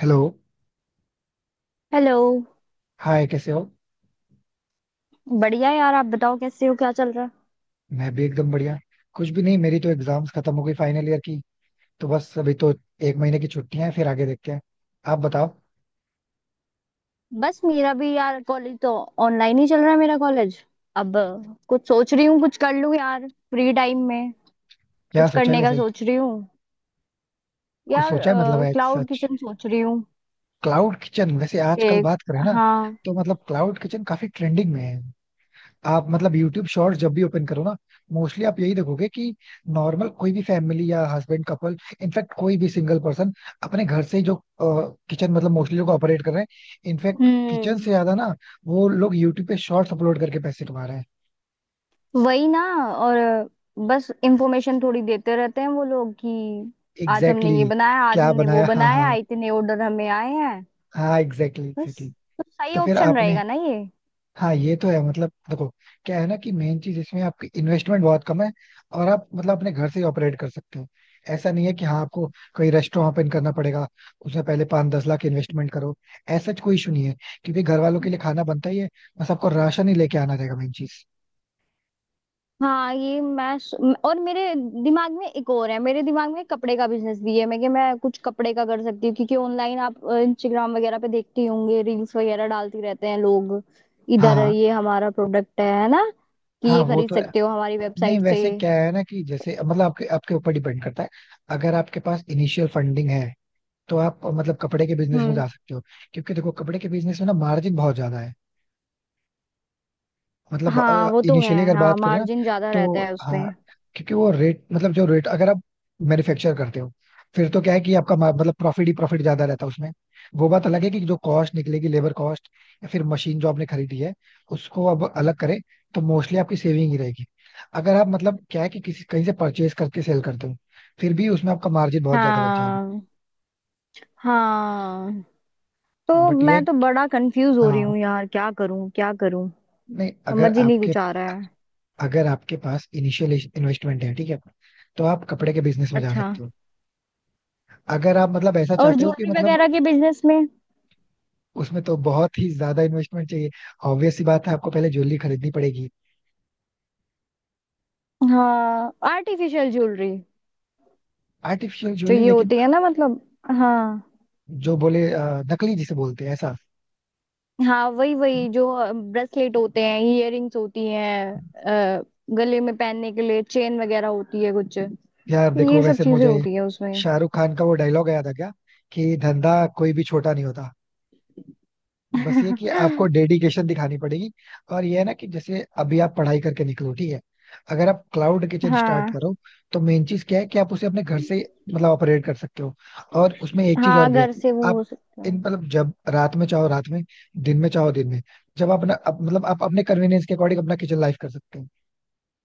Hello. Hello. Hi, कैसे हो? बढ़िया यार, आप बताओ कैसे हो, क्या चल रहा है? मैं भी एकदम बढ़िया। कुछ भी नहीं, मेरी तो एग्जाम्स खत्म हो गई फाइनल ईयर की। तो बस अभी तो एक महीने की छुट्टियां हैं, फिर आगे देखते हैं। आप बताओ। बस मेरा भी यार कॉलेज तो ऑनलाइन ही चल रहा है, मेरा कॉलेज। अब कुछ सोच रही हूँ कुछ कर लूँ यार फ्री टाइम में। क्या कुछ सोचा है करने का वैसे? सोच रही हूँ कुछ यार। सोचा है मतलब है क्लाउड सच? किचन सोच रही हूँ क्लाउड किचन वैसे आजकल कि बात करें ना, हाँ। तो मतलब क्लाउड किचन काफी ट्रेंडिंग में है। आप मतलब यूट्यूब शॉर्ट्स जब भी ओपन करो ना, मोस्टली आप यही देखोगे कि नॉर्मल कोई भी फैमिली या हस्बैंड कपल, इनफैक्ट कोई भी सिंगल पर्सन अपने घर से ही जो किचन मतलब मोस्टली लोग ऑपरेट कर रहे हैं, इनफैक्ट किचन हम्म। से ज्यादा ना वो लोग यूट्यूब पे शॉर्ट्स अपलोड करके पैसे कमा रहे हैं। वही ना। और बस इंफॉर्मेशन थोड़ी देते रहते हैं वो लोग कि आज एग्जैक्टली हमने ये बनाया, exactly, आज क्या हमने वो बनाया? हाँ बनाया, हाँ। इतने ऑर्डर हमें आए हैं। हाँ एग्जैक्टली exactly, बस। Exactly exactly. तो सही तो फिर ऑप्शन आपने, रहेगा ना ये? हाँ ये तो है, मतलब देखो, क्या है ना कि मेन चीज इसमें आपकी इन्वेस्टमेंट बहुत कम है और आप मतलब अपने घर से ही ऑपरेट कर सकते हो। ऐसा नहीं है कि हाँ आपको कोई रेस्टोरेंट ओपन करना पड़ेगा, उसमें पहले 5-10 लाख इन्वेस्टमेंट करो। ऐसा कोई इशू नहीं है, क्योंकि घर वालों के लिए खाना बनता ही है। बस आपको राशन ही लेके आना रहेगा, मेन चीज। हाँ, ये मैं और मेरे दिमाग में एक और है। मेरे दिमाग में कपड़े का बिजनेस भी है, मैं कुछ कपड़े का कर सकती हूँ, क्योंकि ऑनलाइन आप इंस्टाग्राम वगैरह पे देखती होंगे, रील्स वगैरह डालती रहते हैं लोग। हाँ इधर हाँ ये हमारा प्रोडक्ट है ना कि हाँ, ये वो खरीद तो है। सकते हो हमारी नहीं वेबसाइट से। वैसे क्या है ना कि जैसे मतलब आपके आपके ऊपर डिपेंड करता है। अगर आपके पास इनिशियल फंडिंग है, तो आप मतलब कपड़े के बिजनेस में हम्म। जा सकते हो। क्योंकि देखो कपड़े के बिजनेस में ना मार्जिन बहुत ज्यादा है। मतलब हाँ वो तो है। इनिशियली अगर बात हाँ, करें ना, मार्जिन ज्यादा रहता तो है उसमें। हाँ क्योंकि वो रेट, मतलब जो रेट अगर आप मैन्युफैक्चर करते हो, फिर तो क्या है कि आपका मतलब प्रॉफिट ही प्रॉफिट ज्यादा रहता है उसमें। वो बात अलग है कि जो कॉस्ट निकलेगी, लेबर कॉस्ट या फिर मशीन जो आपने खरीदी है उसको अब अलग करें, तो मोस्टली आपकी सेविंग ही रहेगी। अगर आप मतलब क्या है कि किसी कहीं से परचेज करके सेल करते हो, फिर भी उसमें आपका मार्जिन बहुत ज्यादा बच जाएगा। हाँ। हाँ। तो बट ये, मैं तो बड़ा कंफ्यूज हो रही हूँ हाँ। यार, क्या करूँ क्या करूँ। नहीं अगर समझ ही नहीं आपके, कुछ आ रहा है। अगर आपके पास इनिशियल इन्वेस्टमेंट है ठीक है, तो आप कपड़े के बिजनेस में जा अच्छा। सकते हो। अगर आप मतलब ऐसा और चाहते हो कि ज्वेलरी मतलब, वगैरह के बिजनेस में? उसमें तो बहुत ही ज्यादा इन्वेस्टमेंट चाहिए। ऑब्वियस सी बात है आपको पहले ज्वेलरी खरीदनी पड़ेगी। हाँ, आर्टिफिशियल ज्वेलरी। आर्टिफिशियल जो ज्वेलरी ये लेकिन होती है ना, मतलब। हाँ। जो बोले नकली जिसे बोलते हैं ऐसा। हाँ, वही वही। जो ब्रेसलेट होते हैं, इयररिंग्स होती हैं, अ, गले में पहनने के लिए चेन वगैरह होती है कुछ। यार ये देखो सब वैसे चीजें मुझे होती है उसमें। शाहरुख खान का वो डायलॉग याद आ गया कि धंधा कोई भी छोटा नहीं होता, बस ये कि आपको डेडिकेशन दिखानी पड़ेगी। और ये है ना कि जैसे अभी आप पढ़ाई करके निकलो ठीक है, अगर आप क्लाउड किचन स्टार्ट हाँ। करो, तो मेन चीज क्या है कि आप उसे अपने घर से मतलब ऑपरेट कर सकते हो। और उसमें एक चीज और हाँ, भी है, घर से वो आप हो सकता इन है। मतलब जब रात में चाहो रात में, दिन में चाहो दिन में, जब आप अपना मतलब आप अपने कन्वीनियंस के अकॉर्डिंग अपना किचन लाइफ कर सकते हो।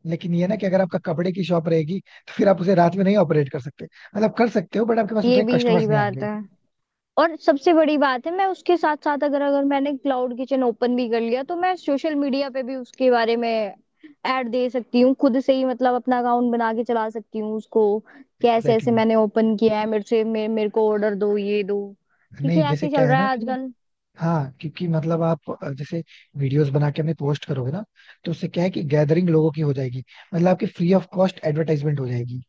लेकिन ये ना कि अगर आपका कपड़े की शॉप रहेगी, तो फिर आप उसे रात में नहीं ऑपरेट कर सकते, मतलब कर सकते हो बट आपके पास ये उतने भी सही कस्टमर्स नहीं बात आएंगे। है। और सबसे बड़ी बात है, मैं उसके साथ साथ अगर अगर मैंने क्लाउड किचन ओपन भी कर लिया तो मैं सोशल मीडिया पे भी उसके बारे में ऐड दे सकती हूँ, खुद से ही, मतलब अपना अकाउंट बना के चला सकती हूँ उसको। कि ऐसे एग्जैक्टली ऐसे exactly. मैंने ओपन किया है, मेरे को ऑर्डर दो, ये दो। क्योंकि नहीं ऐसे जैसे ही क्या चल है रहा ना है कि, आजकल। हाँ क्योंकि मतलब आप जैसे वीडियोस बना के हमें पोस्ट करोगे ना, तो उससे क्या है कि गैदरिंग लोगों की हो जाएगी, मतलब आपकी फ्री ऑफ कॉस्ट एडवर्टाइजमेंट हो जाएगी।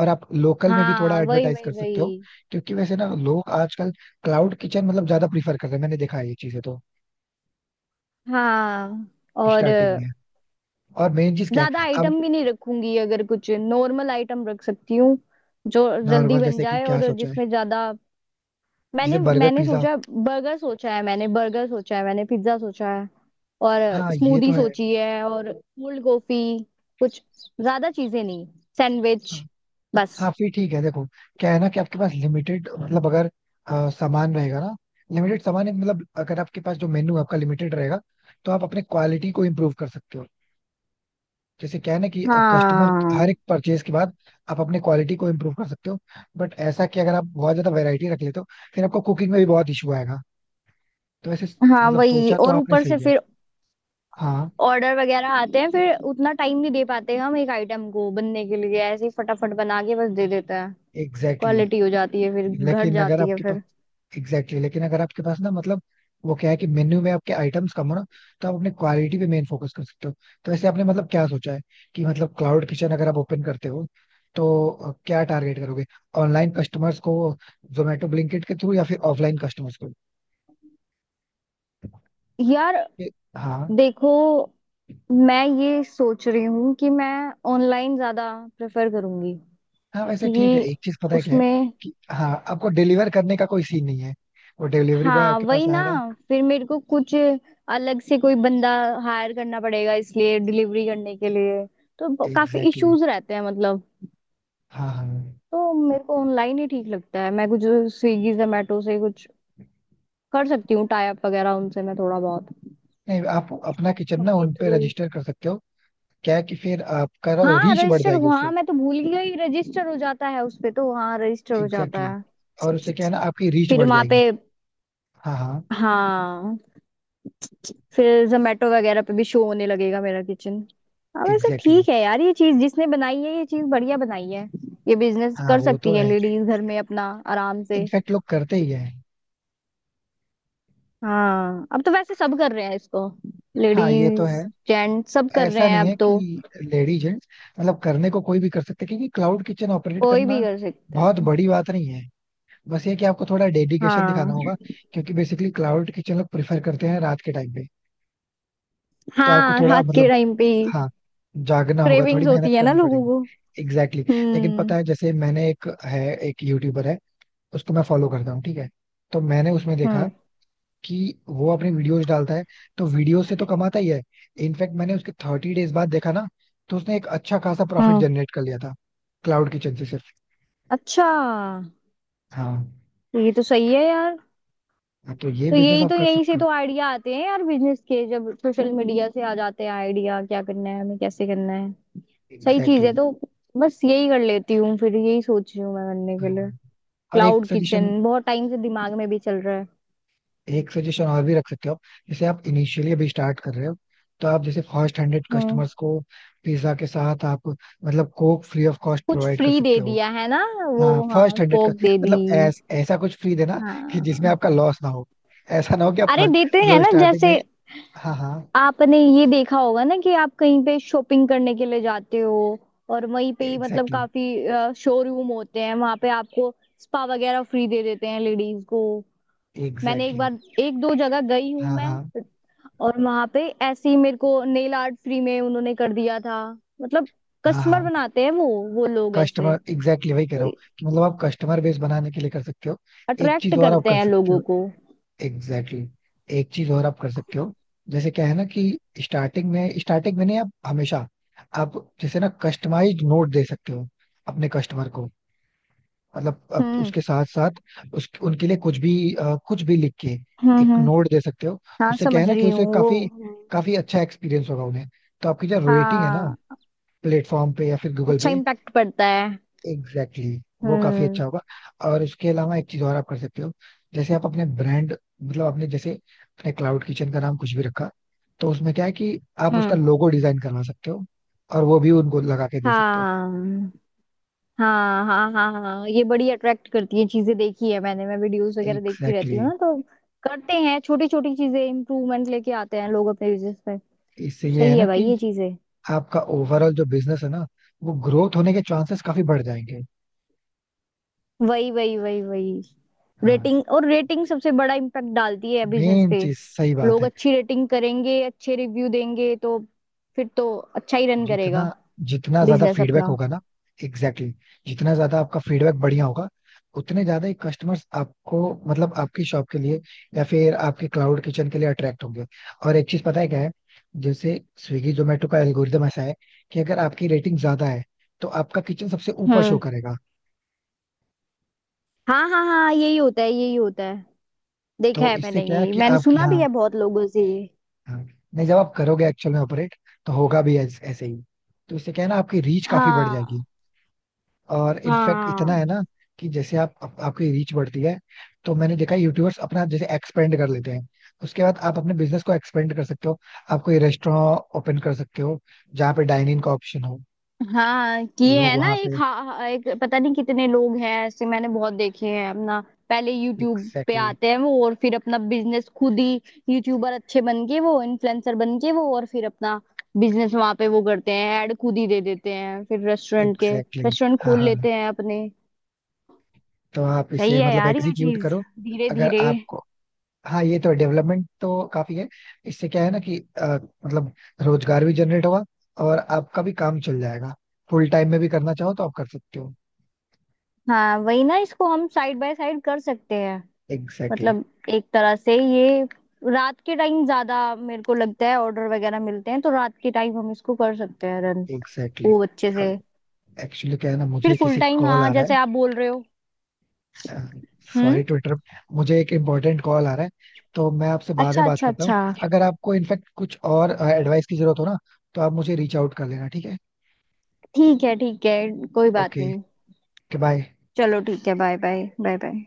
और आप लोकल में भी थोड़ा हाँ वही एडवर्टाइज वही कर सकते हो, वही। क्योंकि वैसे ना लोग आजकल क्लाउड किचन मतलब ज्यादा प्रीफर कर रहे हैं, मैंने देखा है ये चीजें तो। हाँ और स्टार्टिंग में और मेन चीज क्या ज्यादा है अब, आइटम भी नहीं रखूंगी, अगर कुछ नॉर्मल आइटम रख सकती हूँ जो जल्दी नॉर्मल बन जैसे कि जाए क्या और सोचा है? जिसमें ज्यादा। जैसे मैंने बर्गर मैंने पिज्जा, सोचा बर्गर सोचा है, मैंने बर्गर सोचा है, मैंने पिज्जा सोचा है और हाँ ये तो स्मूदी है। सोची है और कोल्ड कॉफी। कुछ ज्यादा चीजें नहीं, सैंडविच। हाँ। बस। हाँ फिर ठीक है देखो, क्या है ना कि आपके पास लिमिटेड मतलब अगर सामान रहेगा ना, लिमिटेड सामान है, मतलब अगर आपके पास जो मेन्यू आपका लिमिटेड रहेगा, तो आप अपने क्वालिटी को इम्प्रूव कर सकते हो। जैसे क्या है ना कि कस्टमर हर एक हाँ। परचेज के बाद आप अपने क्वालिटी को इम्प्रूव कर सकते हो। बट ऐसा कि अगर आप बहुत ज्यादा वैरायटी रख लेते हो, फिर आपको कुकिंग में भी बहुत इशू आएगा। तो ऐसे हाँ मतलब वही, सोचा तो और आपने ऊपर से सही है। फिर हाँ ऑर्डर वगैरह आते हैं फिर उतना टाइम नहीं दे पाते हम एक आइटम को बनने के लिए, ऐसे ही फटाफट बना के बस दे देता है। एग्जैक्टली क्वालिटी हो जाती है फिर exactly. घट लेकिन अगर जाती है आपके, फिर। Exactly exactly. लेकिन अगर आपके पास ना मतलब, वो क्या है कि मेन्यू में आपके आइटम्स कम हो ना, तो आप अपने क्वालिटी पे मेन फोकस कर सकते हो। तो वैसे आपने मतलब क्या सोचा है कि मतलब क्लाउड किचन अगर आप ओपन करते हो, तो क्या टारगेट करोगे? ऑनलाइन कस्टमर्स को, जोमेटो ब्लिंकिट के थ्रू, या फिर ऑफलाइन कस्टमर्स को? यार ये- हाँ। देखो, मैं ये सोच रही हूँ कि मैं ऑनलाइन ज्यादा प्रेफर करूंगी, हाँ वैसे ठीक है, क्योंकि एक चीज पता है क्या है, उसमें। कि हाँ आपको डिलीवर करने का कोई सीन नहीं है। वो डिलीवरी बॉय हाँ आपके वही पास ना। आएगा। फिर मेरे को कुछ अलग से कोई बंदा हायर करना पड़ेगा इसलिए डिलीवरी करने के लिए, तो काफी एग्जैक्टली exactly. इश्यूज रहते हैं, मतलब। हाँ हाँ। तो मेरे को ऑनलाइन ही ठीक लगता है। मैं कुछ स्विगी जोमेटो से कुछ कर सकती हूँ, टाई अप वगैरह उनसे मैं थोड़ा बहुत, नहीं आप अपना किचन ना उनके उन पे थ्रू। रजिस्टर कर सकते हो। क्या है कि फिर आपका हाँ रीच बढ़ रजिस्टर, जाएगी उससे। हाँ मैं तो भूल ही गई, रजिस्टर हो जाता है उस पे, तो हाँ रजिस्टर हो एग्जैक्टली जाता है। exactly. और उससे क्या है ना आपकी रीच फिर बढ़ वहां पे। जाएगी। हाँ हाँ। हाँ। फिर जोमेटो वगैरह पे भी शो होने लगेगा मेरा किचन। हाँ वैसे एग्जैक्टली exactly. ठीक है यार, ये चीज जिसने बनाई है ये चीज बढ़िया बनाई है। ये बिजनेस हाँ कर वो तो सकती है है, लेडीज घर में अपना, आराम से। इनफैक्ट लोग करते ही है। हाँ, अब तो वैसे सब कर रहे हैं इसको, हाँ ये तो है। लेडीज जेंट सब कर रहे ऐसा हैं नहीं अब है तो। कि लेडीज जेंट्स मतलब करने को कोई भी कर सकते, क्योंकि क्लाउड किचन ऑपरेट कोई भी करना कर सकता बहुत है। बड़ी बात नहीं है। बस ये कि आपको थोड़ा डेडिकेशन दिखाना हाँ। होगा। क्योंकि बेसिकली क्लाउड किचन लोग प्रेफर करते हैं रात के टाइम पे, तो आपको हाँ थोड़ा रात के मतलब, टाइम पे हाँ, जागना होगा, थोड़ी क्रेविंग्स मेहनत होती है ना करनी लोगों पड़ेगी। को। Exactly exactly. लेकिन पता हम्म। है जैसे मैंने एक है, एक यूट्यूबर है, उसको मैं फॉलो करता हूँ ठीक है, तो मैंने उसमें देखा हम्म। कि वो अपनी वीडियोस डालता है, तो वीडियो से तो कमाता ही है। इनफैक्ट मैंने उसके 30 डेज बाद देखा ना, तो उसने एक अच्छा खासा प्रॉफिट हम्म। जनरेट कर लिया था, क्लाउड किचन से सिर्फ। अच्छा, हाँ। ये तो सही है यार। हाँ, तो ये तो बिजनेस यही आप तो, कर यहीं से सकते हो। तो आइडिया आते हैं यार बिजनेस के, जब सोशल मीडिया से आ जाते हैं आइडिया क्या करना है हमें, कैसे करना है। सही एग्जैक्टली चीज है exactly. तो। बस यही कर लेती हूँ फिर, यही सोच रही हूँ मैं करने के लिए। हम्म। और एक क्लाउड सजेशन, किचन बहुत टाइम से दिमाग में भी चल रहा है। एक सजेशन और भी रख सकते हो आप। जैसे आप इनिशियली अभी स्टार्ट कर रहे हो, तो आप जैसे फर्स्ट 100 हम्म। कस्टमर्स को पिज्जा के साथ आप मतलब कोक फ्री ऑफ कॉस्ट कुछ प्रोवाइड कर फ्री सकते दे हो। दिया है ना, वो, हाँ फर्स्ट हाँ, हंड्रेड का कोक दे दी। मतलब ऐसा कुछ फ्री देना कि जिसमें हाँ। आपका लॉस ना हो। ऐसा ना हो कि आप अरे फंड, देते हैं मतलब ना, स्टार्टिंग में, जैसे हाँ हाँ। आपने ये देखा होगा ना कि आप कहीं पे शॉपिंग करने के लिए जाते हो और वहीं पे ही, मतलब एग्जैक्टली काफी शोरूम होते हैं वहां पे, आपको स्पा वगैरह फ्री दे देते हैं लेडीज को। exactly, मैंने एग्जैक्टली एक exactly, बार, एक दो जगह गई हूँ हाँ मैं, हाँ और वहां पे ऐसे ही मेरे को नेल आर्ट फ्री में उन्होंने कर दिया था, मतलब। हाँ कस्टमर हाँ। बनाते हैं वो लोग ऐसे। कस्टमर एग्जैक्टली वही कह रहा तो हूँ कि मतलब आप कस्टमर बेस बनाने के लिए कर सकते हो। एक अट्रैक्ट चीज और आप करते कर हैं सकते लोगों हो, को। Exactly exactly. एक चीज और आप कर सकते हो। जैसे क्या है ना कि स्टार्टिंग में नहीं, आप हमेशा आप जैसे ना कस्टमाइज्ड नोट दे सकते हो अपने कस्टमर को। मतलब आप हम्म। उसके साथ साथ उस उनके लिए कुछ भी कुछ भी लिख के हम्म। एक हम्म। नोट दे सकते हो। हाँ उससे क्या है समझ ना कि रही उसे हूँ काफी वो। काफी अच्छा एक्सपीरियंस होगा उन्हें। तो आपकी जो रेटिंग है ना, हाँ, प्लेटफॉर्म पे या फिर गूगल अच्छा पे, इम्पैक्ट पड़ता है। एग्जैक्टली exactly, वो काफी अच्छा हम्म। होगा। और इसके अलावा एक चीज और आप कर सकते हो। जैसे आप अपने ब्रांड, मतलब आपने जैसे अपने क्लाउड किचन का नाम कुछ भी रखा, तो उसमें क्या है कि आप उसका हम्म। लोगो डिजाइन करवा सकते हो और वो भी उनको लगा के दे सकते हो। हाँ हाँ हाँ हाँ हाँ, ये बड़ी अट्रैक्ट करती है चीजें, देखी है मैंने, मैं वीडियोस वगैरह देखती एग्जैक्टली रहती हूँ exactly. ना तो। करते हैं छोटी छोटी चीजें, इम्प्रूवमेंट लेके आते हैं लोग अपने बिजनेस में। इससे तो ये है सही ना है भाई कि ये चीजें। आपका ओवरऑल जो बिजनेस है ना, वो ग्रोथ होने के चांसेस काफी बढ़ जाएंगे। वही वही वही वही। हाँ रेटिंग, और रेटिंग सबसे बड़ा इम्पैक्ट डालती है बिजनेस मेन पे। चीज सही बात लोग है। अच्छी रेटिंग करेंगे, अच्छे रिव्यू देंगे, तो फिर तो अच्छा ही रन करेगा जितना, जितना ज्यादा बिजनेस फीडबैक अपना। होगा ना, एग्जैक्टली exactly, जितना ज्यादा आपका फीडबैक बढ़िया होगा, उतने ज्यादा ही कस्टमर्स आपको, मतलब आपकी शॉप के लिए या फिर आपके क्लाउड किचन के लिए अट्रैक्ट होंगे। और एक चीज पता है क्या है, जैसे स्विगी जोमेटो का एल्गोरिदम ऐसा है कि अगर आपकी रेटिंग ज्यादा है, तो आपका किचन सबसे ऊपर शो हम्म। करेगा। हाँ हाँ हाँ, यही होता है, यही होता है। देखा तो है इससे मैंने क्या है ये, कि मैंने आप सुना भी यहाँ, है बहुत लोगों से ये। हाँ, नहीं जब आप करोगे एक्चुअल में ऑपरेट, तो होगा भी ऐसे ही। तो इससे क्या है ना आपकी रीच काफी बढ़ जाएगी। हाँ और इनफैक्ट इतना हाँ है ना कि जैसे आप आपकी रीच बढ़ती है, तो मैंने देखा यूट्यूबर्स अपना जैसे एक्सपेंड कर लेते हैं। उसके बाद आप अपने बिजनेस को एक्सपेंड कर सकते हो। आप कोई रेस्टोरेंट ओपन कर सकते हो जहाँ पे डाइनिंग का ऑप्शन हो, हाँ। किए लोग है ना वहाँ एक पे, एक पता नहीं कितने लोग हैं ऐसे, मैंने बहुत देखे हैं अपना। पहले यूट्यूब पे एग्जैक्टली, आते हैं वो और फिर अपना बिजनेस खुद ही, यूट्यूबर अच्छे बन के वो, इन्फ्लुएंसर बन के वो, और फिर अपना बिजनेस वहां पे वो करते हैं, ऐड खुद ही दे देते हैं फिर, रेस्टोरेंट के एग्जैक्टली, रेस्टोरेंट हाँ खोल हाँ हाँ। लेते हैं अपने। तो आप इसे सही है मतलब यार ये एग्जीक्यूट चीज, करो। धीरे अगर धीरे। आपको, हाँ ये तो डेवलपमेंट तो काफी है। इससे क्या है ना कि मतलब रोजगार भी जनरेट होगा, और आपका भी काम चल जाएगा। फुल टाइम में भी करना चाहो तो आप कर सकते हो। हाँ वही ना, इसको हम साइड बाय साइड कर सकते हैं, एग्जैक्टली, मतलब एक तरह से ये। रात के टाइम ज्यादा मेरे को लगता है ऑर्डर वगैरह मिलते हैं, तो रात के टाइम हम इसको कर सकते हैं रन, एग्जैक्टली। वो अच्छे से। अब एक्चुअली क्या है ना फिर मुझे फुल किसी का टाइम, कॉल हाँ आ रहा जैसे आप बोल रहे हो। है। Sorry hmm. टू इंटरप्ट, मुझे एक इम्पोर्टेंट कॉल आ रहा है, तो मैं आपसे बाद में अच्छा बात अच्छा करता हूँ। अच्छा। अगर आपको इनफेक्ट कुछ और एडवाइस की जरूरत हो ना, तो आप मुझे रीच आउट कर लेना, ठीक है? ठीक है ठीक है, कोई बात ओके, नहीं। बाय। चलो ठीक है, बाय बाय बाय बाय।